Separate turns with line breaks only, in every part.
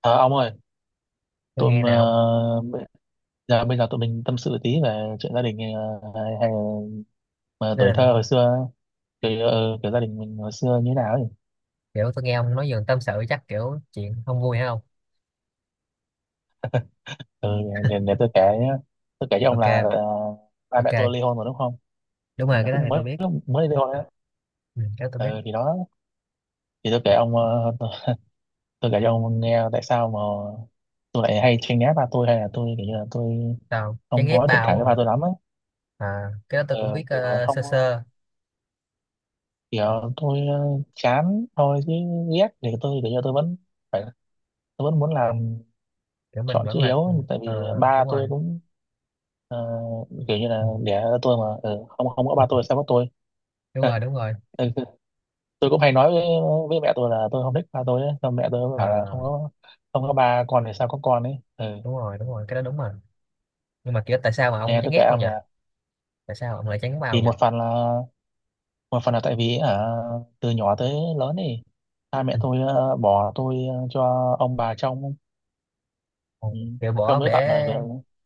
Ờ, ông ơi,
Tôi
tôi
nghe nè
mà
ông.
bây giờ tụi mình tâm sự tí về chuyện gia đình hay là
Gia
tuổi
đình hả?
thơ hồi xưa, kiểu gia đình mình hồi xưa như thế nào ấy.
Kiểu tôi nghe ông nói giường tâm sự chắc kiểu chuyện không vui hay không?
Ừ, để tôi kể nhá. Tôi kể cho ông
Ok,
là ba
ok.
mẹ tôi ly hôn rồi đúng không?
Đúng
Thì
rồi,
là
cái đó
cũng
thì tôi
mới
biết.
lúc mới ly hôn đấy.
Ừ, cái đó tôi biết.
Ừ, thì đó, thì tôi kể ông tôi kể cho ông nghe tại sao mà tôi lại hay tranh né ba tôi, hay là tôi kiểu như là tôi
Sao, chán
không
ghét
có thiện
ba ông
cảm với ba
rồi?
tôi lắm ấy.
À, cái đó tôi cũng
Ờ,
biết
kiểu không
sơ sơ.
kiểu tôi chán thôi, chứ ghét thì tôi kiểu như tôi vẫn phải, tôi vẫn muốn
Kiểu mình
chọn chữ
vẫn là, ừ,
hiếu, tại
ờ,
vì ba
đúng
tôi
rồi.
cũng ờ, kiểu như là
Ừ,
đẻ ra tôi mà, ừ, không không có ba tôi sao có tôi.
đúng
ừ,
rồi, đúng rồi.
ừ, tôi cũng hay nói với mẹ tôi là tôi không thích ba tôi ấy. Xong mẹ tôi bảo là
Ờ,
không có ba con thì sao có con ấy, ừ.
đúng rồi, đúng rồi, cái đó đúng rồi. Nhưng mà kiểu tại sao mà ông
Nè,
chán
tôi kể
ghét không
ông
nhỉ?
nè,
Tại sao ông lại chán bao
thì
nhỉ?
một phần là tại vì, à, từ nhỏ tới lớn thì ba mẹ
Ừ.
tôi bỏ tôi cho ông bà trông.
Ờ,
Ừ,
kiểu bỏ
trông
ông
tới tận là...
để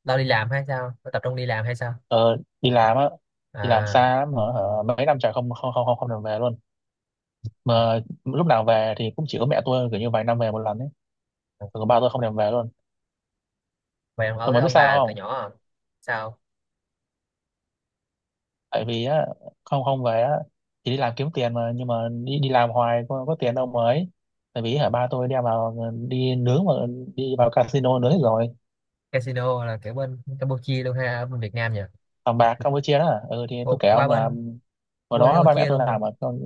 lo đi làm hay sao? Lo tập trung đi làm hay sao?
Ờ, đi làm á, đi làm
À,
xa lắm mà hả, mấy năm trời không không không không không được về luôn, mà lúc nào về thì cũng chỉ có mẹ tôi, kiểu như vài năm về một lần ấy, còn ba tôi không thèm về luôn.
vậy ông ở
Tôi
với
mới biết
ông
sao
bà từ
không,
nhỏ à? Sao?
tại vì á không không về á, thì đi làm kiếm tiền mà, nhưng mà đi đi làm hoài có tiền đâu mà ấy. Tại vì hả, ba tôi đem vào đi nướng mà, đi vào casino nướng hết rồi,
Casino là kiểu bên Campuchia luôn ha, ở bên Việt Nam nhỉ?
bằng bạc Campuchia đó, ừ. Thì tôi
Ồ,
kể
qua
ông là
bên.
hồi
Qua bên
đó ba mẹ
Campuchia
tôi
luôn hả?
làm mà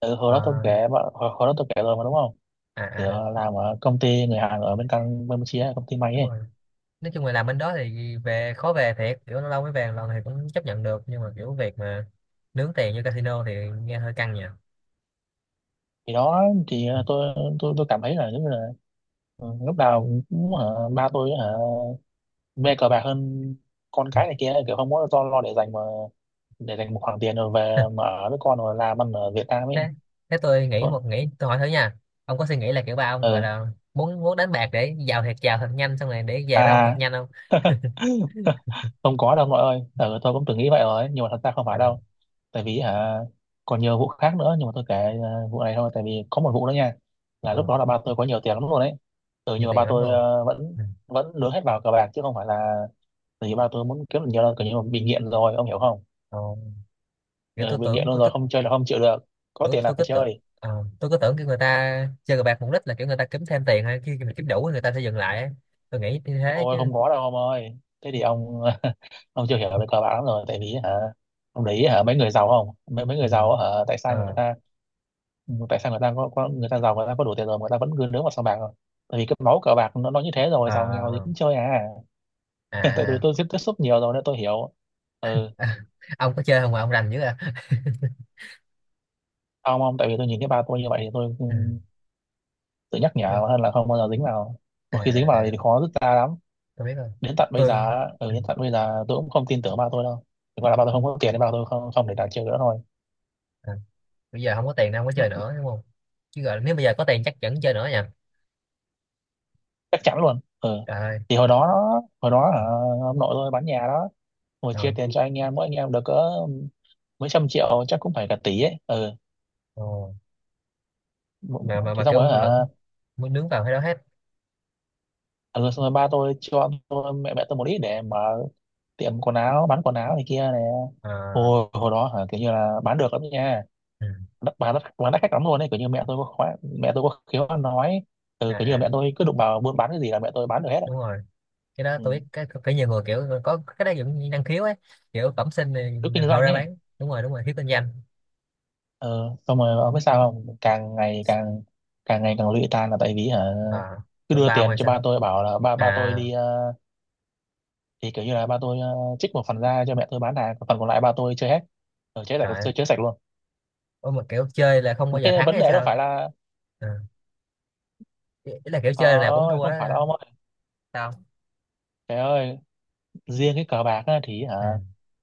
ừ, hồi đó tôi
À,
kể, hồi đó tôi kể rồi mà đúng không.
à,
Thì
à.
làm ở công ty người Hàn ở bên Campuchia, công ty may
Đúng
ấy.
rồi. Nói chung là làm bên đó thì về khó về thiệt, kiểu lâu lâu mới về một lần thì cũng chấp nhận được, nhưng mà kiểu việc mà nướng tiền như casino thì nghe hơi căng nhỉ.
Thì đó, thì tôi cảm thấy là giống như là, ừ, lúc nào cũng ba tôi mê cờ bạc hơn con cái này kia, kiểu không có lo để dành mà, để dành một khoản tiền rồi về mà ở với con rồi làm ăn ở Việt Nam
thế
ấy.
thế tôi nghĩ
Thôi
một nghĩ, tôi hỏi thử nha. Ông có suy nghĩ là kiểu ba ông gọi
ừ
là muốn muốn đánh bạc để giàu thiệt giàu thật nhanh, xong rồi để về với ông thật
à.
nhanh không?
Không có đâu mọi ơi, ừ, tôi cũng từng nghĩ vậy rồi nhưng mà thật ra không phải
À,
đâu. Tại vì hả, còn nhiều vụ khác nữa nhưng mà tôi kể vụ này thôi, tại vì có một vụ nữa nha. Là lúc
ờ,
đó là ba tôi có nhiều tiền lắm luôn đấy, ừ, nhưng
nhiều
mà ba
tiền lắm
tôi
luôn.
vẫn
Ừ.
vẫn nướng hết vào cờ bạc chứ không phải là tại vì ba tôi muốn kiếm được nhiều đâu, kiểu như là bị nghiện rồi, ông hiểu không.
Ờ, kiểu
Ừ,
tôi
bị nghiện
tưởng
luôn
có
rồi,
tức.
không chơi là không chịu được, có
tôi,
tiền là
tôi
phải
cứ tưởng.
chơi.
Tôi cứ tưởng kiểu người ta chơi cờ bạc mục đích là kiểu người ta kiếm thêm tiền, hay khi mình kiếm đủ thì người ta sẽ dừng lại ấy. Tôi nghĩ như thế
Ôi
chứ.
không có đâu ông ơi, thế thì ông ông chưa hiểu về cờ bạc lắm rồi. Tại vì hả, ông để ý hả, mấy người giàu không, mấy mấy
Ừ.
người giàu á, hả, tại sao người
Ờ.
ta... Ừ, tại sao người ta có người ta giàu, người ta có đủ tiền rồi mà người ta vẫn cứ nướng vào sòng bạc rồi, tại vì cái máu cờ bạc nó như thế rồi, giàu nghèo gì
Ờ.
cũng chơi à. Tại tôi
À,
tôi tiếp tiếp xúc nhiều rồi nên tôi hiểu. Ừ.
à. Ông có chơi không mà ông rành dữ à?
Ông tại vì tôi nhìn thấy ba tôi như vậy thì tôi, ừ,
Ừ.
tự nhắc nhở
tôi-
hơn là không bao giờ dính vào,
à,
một khi dính
à,
vào
à.
thì khó dứt ra lắm.
Tôi biết rồi.
Đến tận bây giờ
tôi
á, ừ,
ừ.
đến tận bây giờ tôi cũng không tin tưởng ba tôi đâu, chỉ gọi là ba tôi không có tiền nên ba tôi không không để đặt chơi nữa thôi.
À. Bây giờ không có tiền nên không có chơi nữa đúng không? Chứ gọi nếu bây giờ có tiền chắc vẫn chơi nữa nha.
Chắc chắn luôn, ừ.
Trời ơi.
Thì hồi đó, hồi đó, ông nội tôi bán nhà đó. Hồi chia
Đâu.
tiền cho anh em, mỗi anh em được cỡ mấy trăm triệu, chắc cũng phải cả tỷ ấy, ừ.
Ồ. mà mà
Thì
mà
xong rồi
kiểu
hả,
lẫn muốn nướng vào cái đó hết.
ừ, xong rồi ba tôi cho mẹ mẹ tôi một ít để mở tiệm quần áo, bán quần áo này kia này.
À,
Hồi Hồi đó hả, kiểu như là bán được lắm nha,
ừ.
đắt bán đắt bán đắt khách lắm luôn ấy. Kiểu như mẹ tôi có khóa, mẹ tôi có khéo ăn nói. Ừ,
À,
kiểu như là
à,
mẹ tôi cứ đụng vào buôn bán cái gì là mẹ tôi bán được hết ấy.
đúng rồi, cái đó tôi
Ừ.
biết, cái phải nhiều người kiểu có cái đó giống như năng khiếu ấy. Kiểu bẩm sinh thì
Cứ kinh
họ
doanh
ra
ấy.
bán, đúng rồi, đúng rồi, thiếu kinh doanh.
Ừ. Xong rồi ông biết sao không, càng ngày càng lụy tan là tại vì hả,
À,
cứ
tụi
đưa
bao
tiền
ngoài
cho
sao?
ba tôi bảo là ba ba tôi
À.
đi thì kiểu như là ba tôi trích một phần ra cho mẹ tôi bán hàng, còn phần còn lại ba tôi chơi hết, ở chơi sạch,
Trời ơi.
chơi sạch luôn.
Ủa mà kiểu chơi là không bao
Mà
giờ
cái
thắng
vấn
hay
đề đâu
sao?
phải là...
À, ý ý là kiểu
Ờ
chơi là cũng
ơi
thua đó
không phải đâu
hả?
ông ơi,
Sao?
trời ơi. Riêng cái cờ bạc á, thì hả,
Ừ.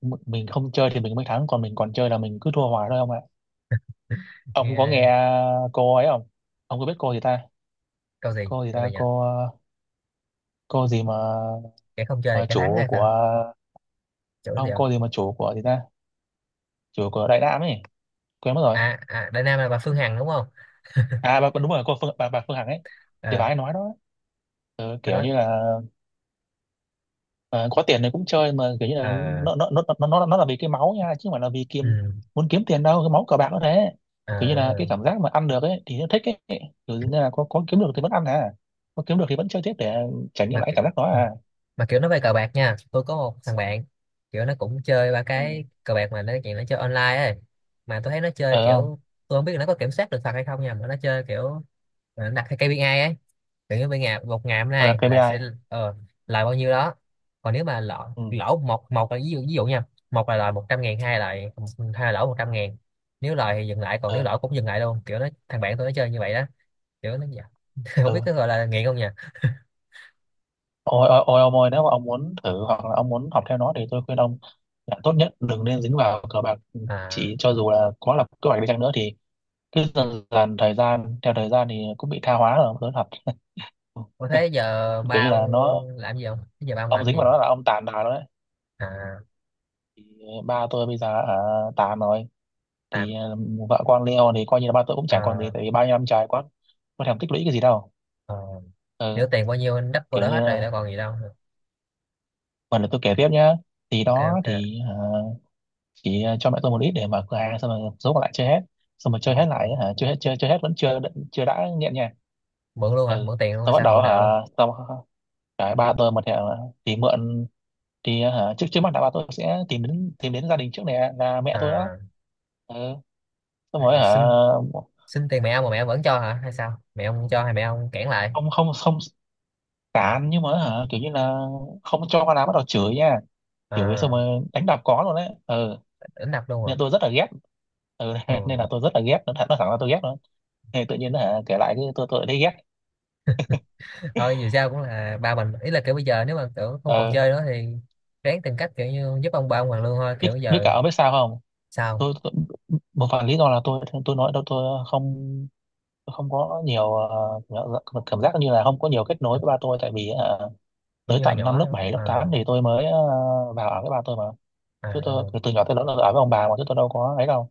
mình không chơi thì mình mới thắng, còn mình còn chơi là mình cứ thua hoài thôi ông ạ. Ông có nghe
Nghe
cô ấy không, ông có biết cô gì ta, cô gì
câu gì
ta
nhỉ?
cô cô gì mà
Cái không chơi thì
ờ,
cái thắng
chủ
hay sao?
của...
Chỗ gì
Ông,
không?
cô gì mà chủ của gì ta, chủ của Đại Nam ấy, quên mất rồi.
À, à, Đại Nam là bà Phương Hằng đúng không?
À bà, đúng rồi, bà Phương Hằng ấy. Thì bà
Ờ,
ấy nói đó, ừ,
bà
kiểu
nói.
như là, ờ, có tiền thì cũng chơi, mà kiểu như là
Ờ.
nó là vì cái máu nha chứ không phải là vì
Ừ,
muốn kiếm tiền đâu, cái máu cờ bạc nó thế. Kiểu như là cái
ờ.
cảm giác mà ăn được ấy thì nó thích ấy. Kiểu như là có kiếm được thì vẫn ăn à, có kiếm được thì vẫn chơi tiếp để trải nghiệm
mà
lại
cái-
cảm giác đó
ừ,
à.
mà kiểu nó về cờ bạc nha, tôi có một thằng bạn. Kiểu nó cũng chơi ba
Ừ.
cái cờ bạc, mà nó chuyện nó chơi online ấy. Mà tôi thấy nó chơi
Ờ không.
kiểu. Tôi không biết là nó có kiểm soát được thật hay không nha, mà nó chơi kiểu. Mà nó đặt theo KPI ấy. Kiểu như bên ngày một ngày hôm
Ờ đặt
nay là
KPI.
sẽ ờ, lời bao nhiêu đó. Còn nếu mà lỗ.
Ừ.
Lỗ một một là ví dụ, ví dụ nha. Một là lời 100.000, hai là lỗ 100.000. Nếu lời thì dừng lại, còn nếu
Ờ.
lỗ cũng dừng lại luôn, kiểu nó thằng bạn tôi nó chơi như vậy đó. Kiểu nó không biết
Ờ.
có gọi là nghiện không nha.
Ôi ôi ôi ông ơi, nếu mà ông muốn thử hoặc là ông muốn học theo nó thì tôi khuyên ông là tốt nhất đừng nên dính vào cờ bạc, ừ,
À.
chỉ cho dù là có lập kế hoạch đi chăng nữa thì cứ dần dần thời gian, theo thời gian thì cũng bị tha hóa rồi Lớn.
Ủa thế
Ừ.
giờ
Kiểu
ba
như
ông
là nó,
làm gì không? Thế giờ ba ông
ông
làm
dính
gì?
vào nó là ông tàn bà đó đấy.
À,
Thì ba tôi bây giờ ở tàn rồi,
tạm.
thì vợ con Leo thì coi như là ba tôi cũng
Ờ.
chẳng còn gì, tại vì bao nhiêu năm trời quá có thèm tích lũy cái gì đâu.
ờ,
Ừ,
Nếu tiền bao nhiêu anh đắp vô
kiểu
đó
như
hết rồi đã còn gì đâu.
phần là tôi kể tiếp nhá. Thì
Ok,
đó,
ok.
thì chỉ cho mẹ tôi một ít để mở cửa hàng, xong rồi số còn lại chơi hết. Xong rồi
Ờ,
chơi hết
đúng
lại
rồi.
hả, chơi hết, chơi chơi hết vẫn chưa, chưa đã nghiện nha.
Mượn luôn hả?
Ừ.
Mượn tiền luôn
Tôi
hay
bắt
sao?
đầu
Mượn nợ luôn.
hả, xong rồi ba tôi một thì mượn. Thì hả, trước trước mắt đã bảo tôi sẽ tìm đến, tìm đến gia đình trước này, à, là mẹ tôi đó.
À,
Ừ. Xong rồi hả,
xin xin tiền mẹ ông mà mẹ ông vẫn cho hả? Hay sao? Mẹ ông không cho hay mẹ ông cản lại?
không không không tán, nhưng mà hả, kiểu như là không cho con làm, bắt đầu chửi nha. Chửi xong
À,
rồi đánh đập có luôn đấy, ừ.
đánh đập luôn à?
Nên tôi rất là ghét. Ừ.
Ừ.
Nên là tôi rất là ghét, nó thẳng là tôi ghét luôn. Thì tự nhiên hả, kể lại cái tôi lại thấy ghét.
Thôi dù sao cũng là ba mình, ý là kiểu bây giờ nếu mà kiểu không còn
Ừ.
chơi nữa thì ráng tìm cách kiểu như giúp ông ba ông hoàn lương thôi
biết
kiểu
Biết cả,
giờ.
ông biết sao không.
Sao?
Tôi một phần lý do là tôi nói đâu, tôi không, tôi không có nhiều cảm giác như là không có nhiều kết nối với ba tôi, tại vì hả
Kiểu
tới
như hồi
tận năm
nhỏ
lớp
nữa.
7 lớp
Ờ,
8 thì tôi mới vào ở với ba tôi mà, chứ tôi từ nhỏ tới lớn là ở với ông bà mà, chứ tôi đâu có ấy đâu.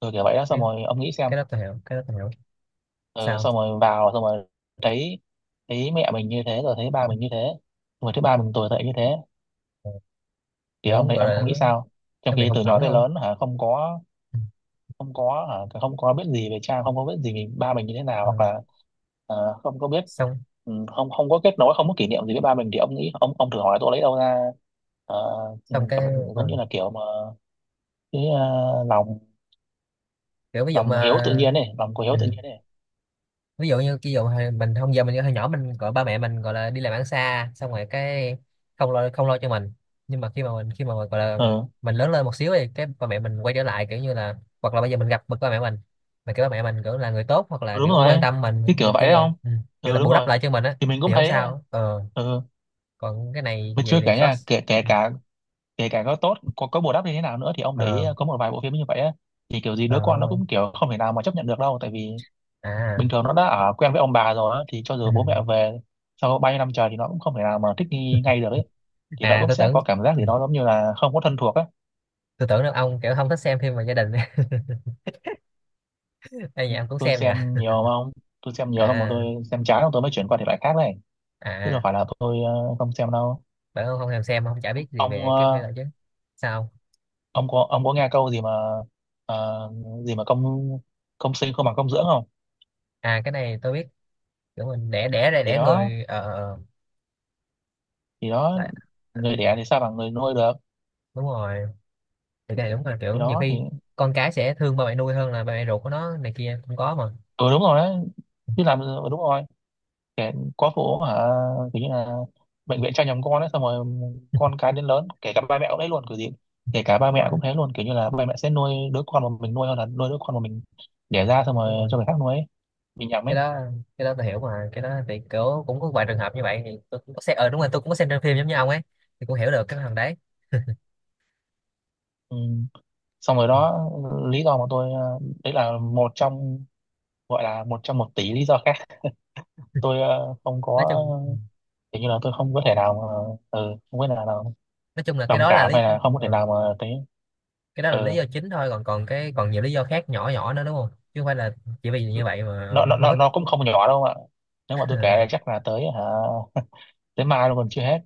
Từ kiểu vậy đó,
à,
xong rồi ông nghĩ xem.
cái đó tôi hiểu, cái đó tôi hiểu.
Ừ,
Sao?
xong rồi vào, xong rồi thấy, thấy mẹ mình như thế, rồi thấy ba mình như thế, rồi thấy ba mình tồi tệ như thế
Ờ,
thì
kiểu
ông thấy,
gọi là
ông nghĩ
nó,
sao, trong
nó bị
khi
hụt
từ nhỏ
hẫng
tới
luôn.
lớn hả không có, không có hả? Không có biết gì về cha, không có biết gì về ba mình như thế nào,
Ờ,
hoặc là không có biết.
xong
Ừ, không không có kết nối, không có kỷ niệm gì với ba mình thì ông nghĩ, ông thử hỏi tôi lấy đâu ra uh,
xong cái
giống
ờ,
như là kiểu mà cái lòng,
kiểu ví dụ
lòng hiếu tự
mà.
nhiên này, lòng của hiếu
Ừ,
tự nhiên này.
ví dụ như ví dụ hồi mình không giờ mình hồi nhỏ mình gọi ba mẹ mình gọi là đi làm ăn xa, xong rồi cái không lo không lo cho mình, nhưng mà khi mà mình khi mà gọi là
Ừ
mình lớn lên một xíu thì cái ba mẹ mình quay trở lại kiểu như là, hoặc là bây giờ mình gặp bậc ba mẹ mình, mà cái ba mẹ mình kiểu là người tốt hoặc là
đúng
kiểu
rồi
quan
ấy,
tâm mình
cái kiểu
kiểu,
vậy
kiểu,
đấy không.
ừ, kiểu là
Ừ đúng
bù đắp
rồi,
lại cho mình á
thì mình cũng
thì không
thấy.
sao, ờ,
Ừ.
còn cái này
Mà chưa
vậy thì
kể
khó.
nha, kể kể
Ừ.
cả, kể cả có tốt có bù đắp như thế nào nữa thì ông để ý
Ờ.
có một vài bộ phim như vậy á, thì kiểu gì
Ờ,
đứa con nó cũng kiểu không thể nào mà chấp nhận được đâu, tại vì
à,
bình thường nó đã ở quen với ông bà rồi á, thì cho
ừ.
dù bố mẹ về sau bao nhiêu năm trời thì nó cũng không thể nào mà thích nghi ngay được ấy, thì nó
À,
cũng
tôi
sẽ
tưởng.
có cảm giác gì
Ừ,
đó giống như là không có thân thuộc á.
tôi tưởng là ông kiểu không thích xem phim về gia đình. Đây nhà ông cũng
Tôi
xem nha.
xem nhiều mà ông, tôi xem nhiều xong rồi
À,
tôi xem chán rồi tôi mới chuyển qua thể loại khác này, chứ đâu
à,
phải là tôi không xem đâu.
bởi ông không thèm xem ông chả biết gì
Ông
về cái phim đó chứ. Sao?
ông có nghe câu gì mà ờ, gì mà công, công sinh không bằng công dưỡng không.
À, cái này tôi biết. Kiểu mình đẻ đẻ ra
thì
đẻ
đó
người ờ
thì đó, người đẻ thì sao bằng người nuôi được.
Đúng rồi. Thì cái này đúng là kiểu nhiều
Thì
khi con cái sẽ thương ba mẹ nuôi hơn là ba mẹ ruột của nó này kia cũng có mà.
ừ đúng rồi đấy, chứ làm, ừ, đúng rồi. Kẻ có phụ hả, kiểu như là bệnh viện cho nhầm con ấy, xong rồi con cái đến lớn kể cả ba mẹ cũng đấy luôn kiểu gì. Kể cả ba
Đúng
mẹ
rồi,
cũng thế luôn, kiểu như là ba mẹ sẽ nuôi đứa con mà mình nuôi hơn là nuôi đứa con mà mình đẻ ra xong
đúng
rồi
rồi,
cho người khác nuôi ấy. Mình nhầm
cái
ấy.
đó cái đó tôi hiểu. Mà cái đó thì kiểu cũng có vài trường hợp như vậy thì tôi cũng có xem, đúng rồi, tôi cũng có xem trên phim giống như ông ấy. Thì cũng hiểu được cái thằng đấy.
Ừ. Xong rồi đó, lý do mà tôi đấy là một trong, gọi là một trong một tỷ lý do khác. Tôi không
Nói
có,
chung, ừ,
kiểu như là tôi không có thể nào mà, ừ, không biết là
nói chung là cái
đồng
đó là
cảm,
lý.
hay là không có thể
ờ,
nào mà thấy.
cái đó
Ừ.
là lý do chính thôi còn còn cái còn nhiều lý do khác nhỏ nhỏ nữa đúng không, chứ không phải là chỉ vì như vậy mà
nó
ông
nó
không
nó
thích.
nó cũng không nhỏ đâu ạ, nếu mà tôi kể chắc là tới hả, tới mai luôn còn chưa hết.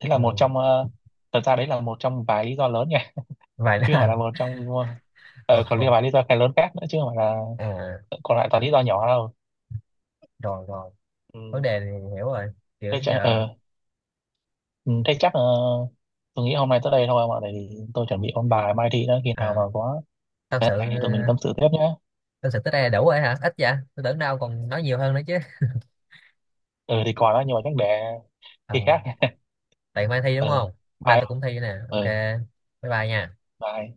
Thế là một
Ừ.
trong thật ra đấy là một trong vài lý do lớn nha.
Vậy
Chứ không phải
là
là một trong
Ờ,
còn
ờ.
liên vài lý do cái lớn khác nữa, chứ không phải là
À,
còn lại toàn lý do nhỏ đâu.
rồi, rồi, vấn
Ừ.
đề này hiểu rồi kiểu
Thế chắc
giờ.
ừ, thế chắc ờ, tôi nghĩ hôm nay tới đây thôi mà, tại vì tôi chuẩn bị ôn bài mai thi đó. Khi nào
À,
mà có
tâm
cái
sự,
này thì tụi mình tâm sự tiếp nhé.
tâm sự tới đây là đủ rồi hả? Ít vậy tôi tưởng đâu còn nói nhiều hơn nữa chứ.
Ừ thì còn đó nhưng mà chắc để
Ờ,
khi khác.
tại mai thi
Ừ,
đúng không? Mai
bye.
tôi cũng thi nè. Ok,
Ừ,
bye, bye nha.
bye.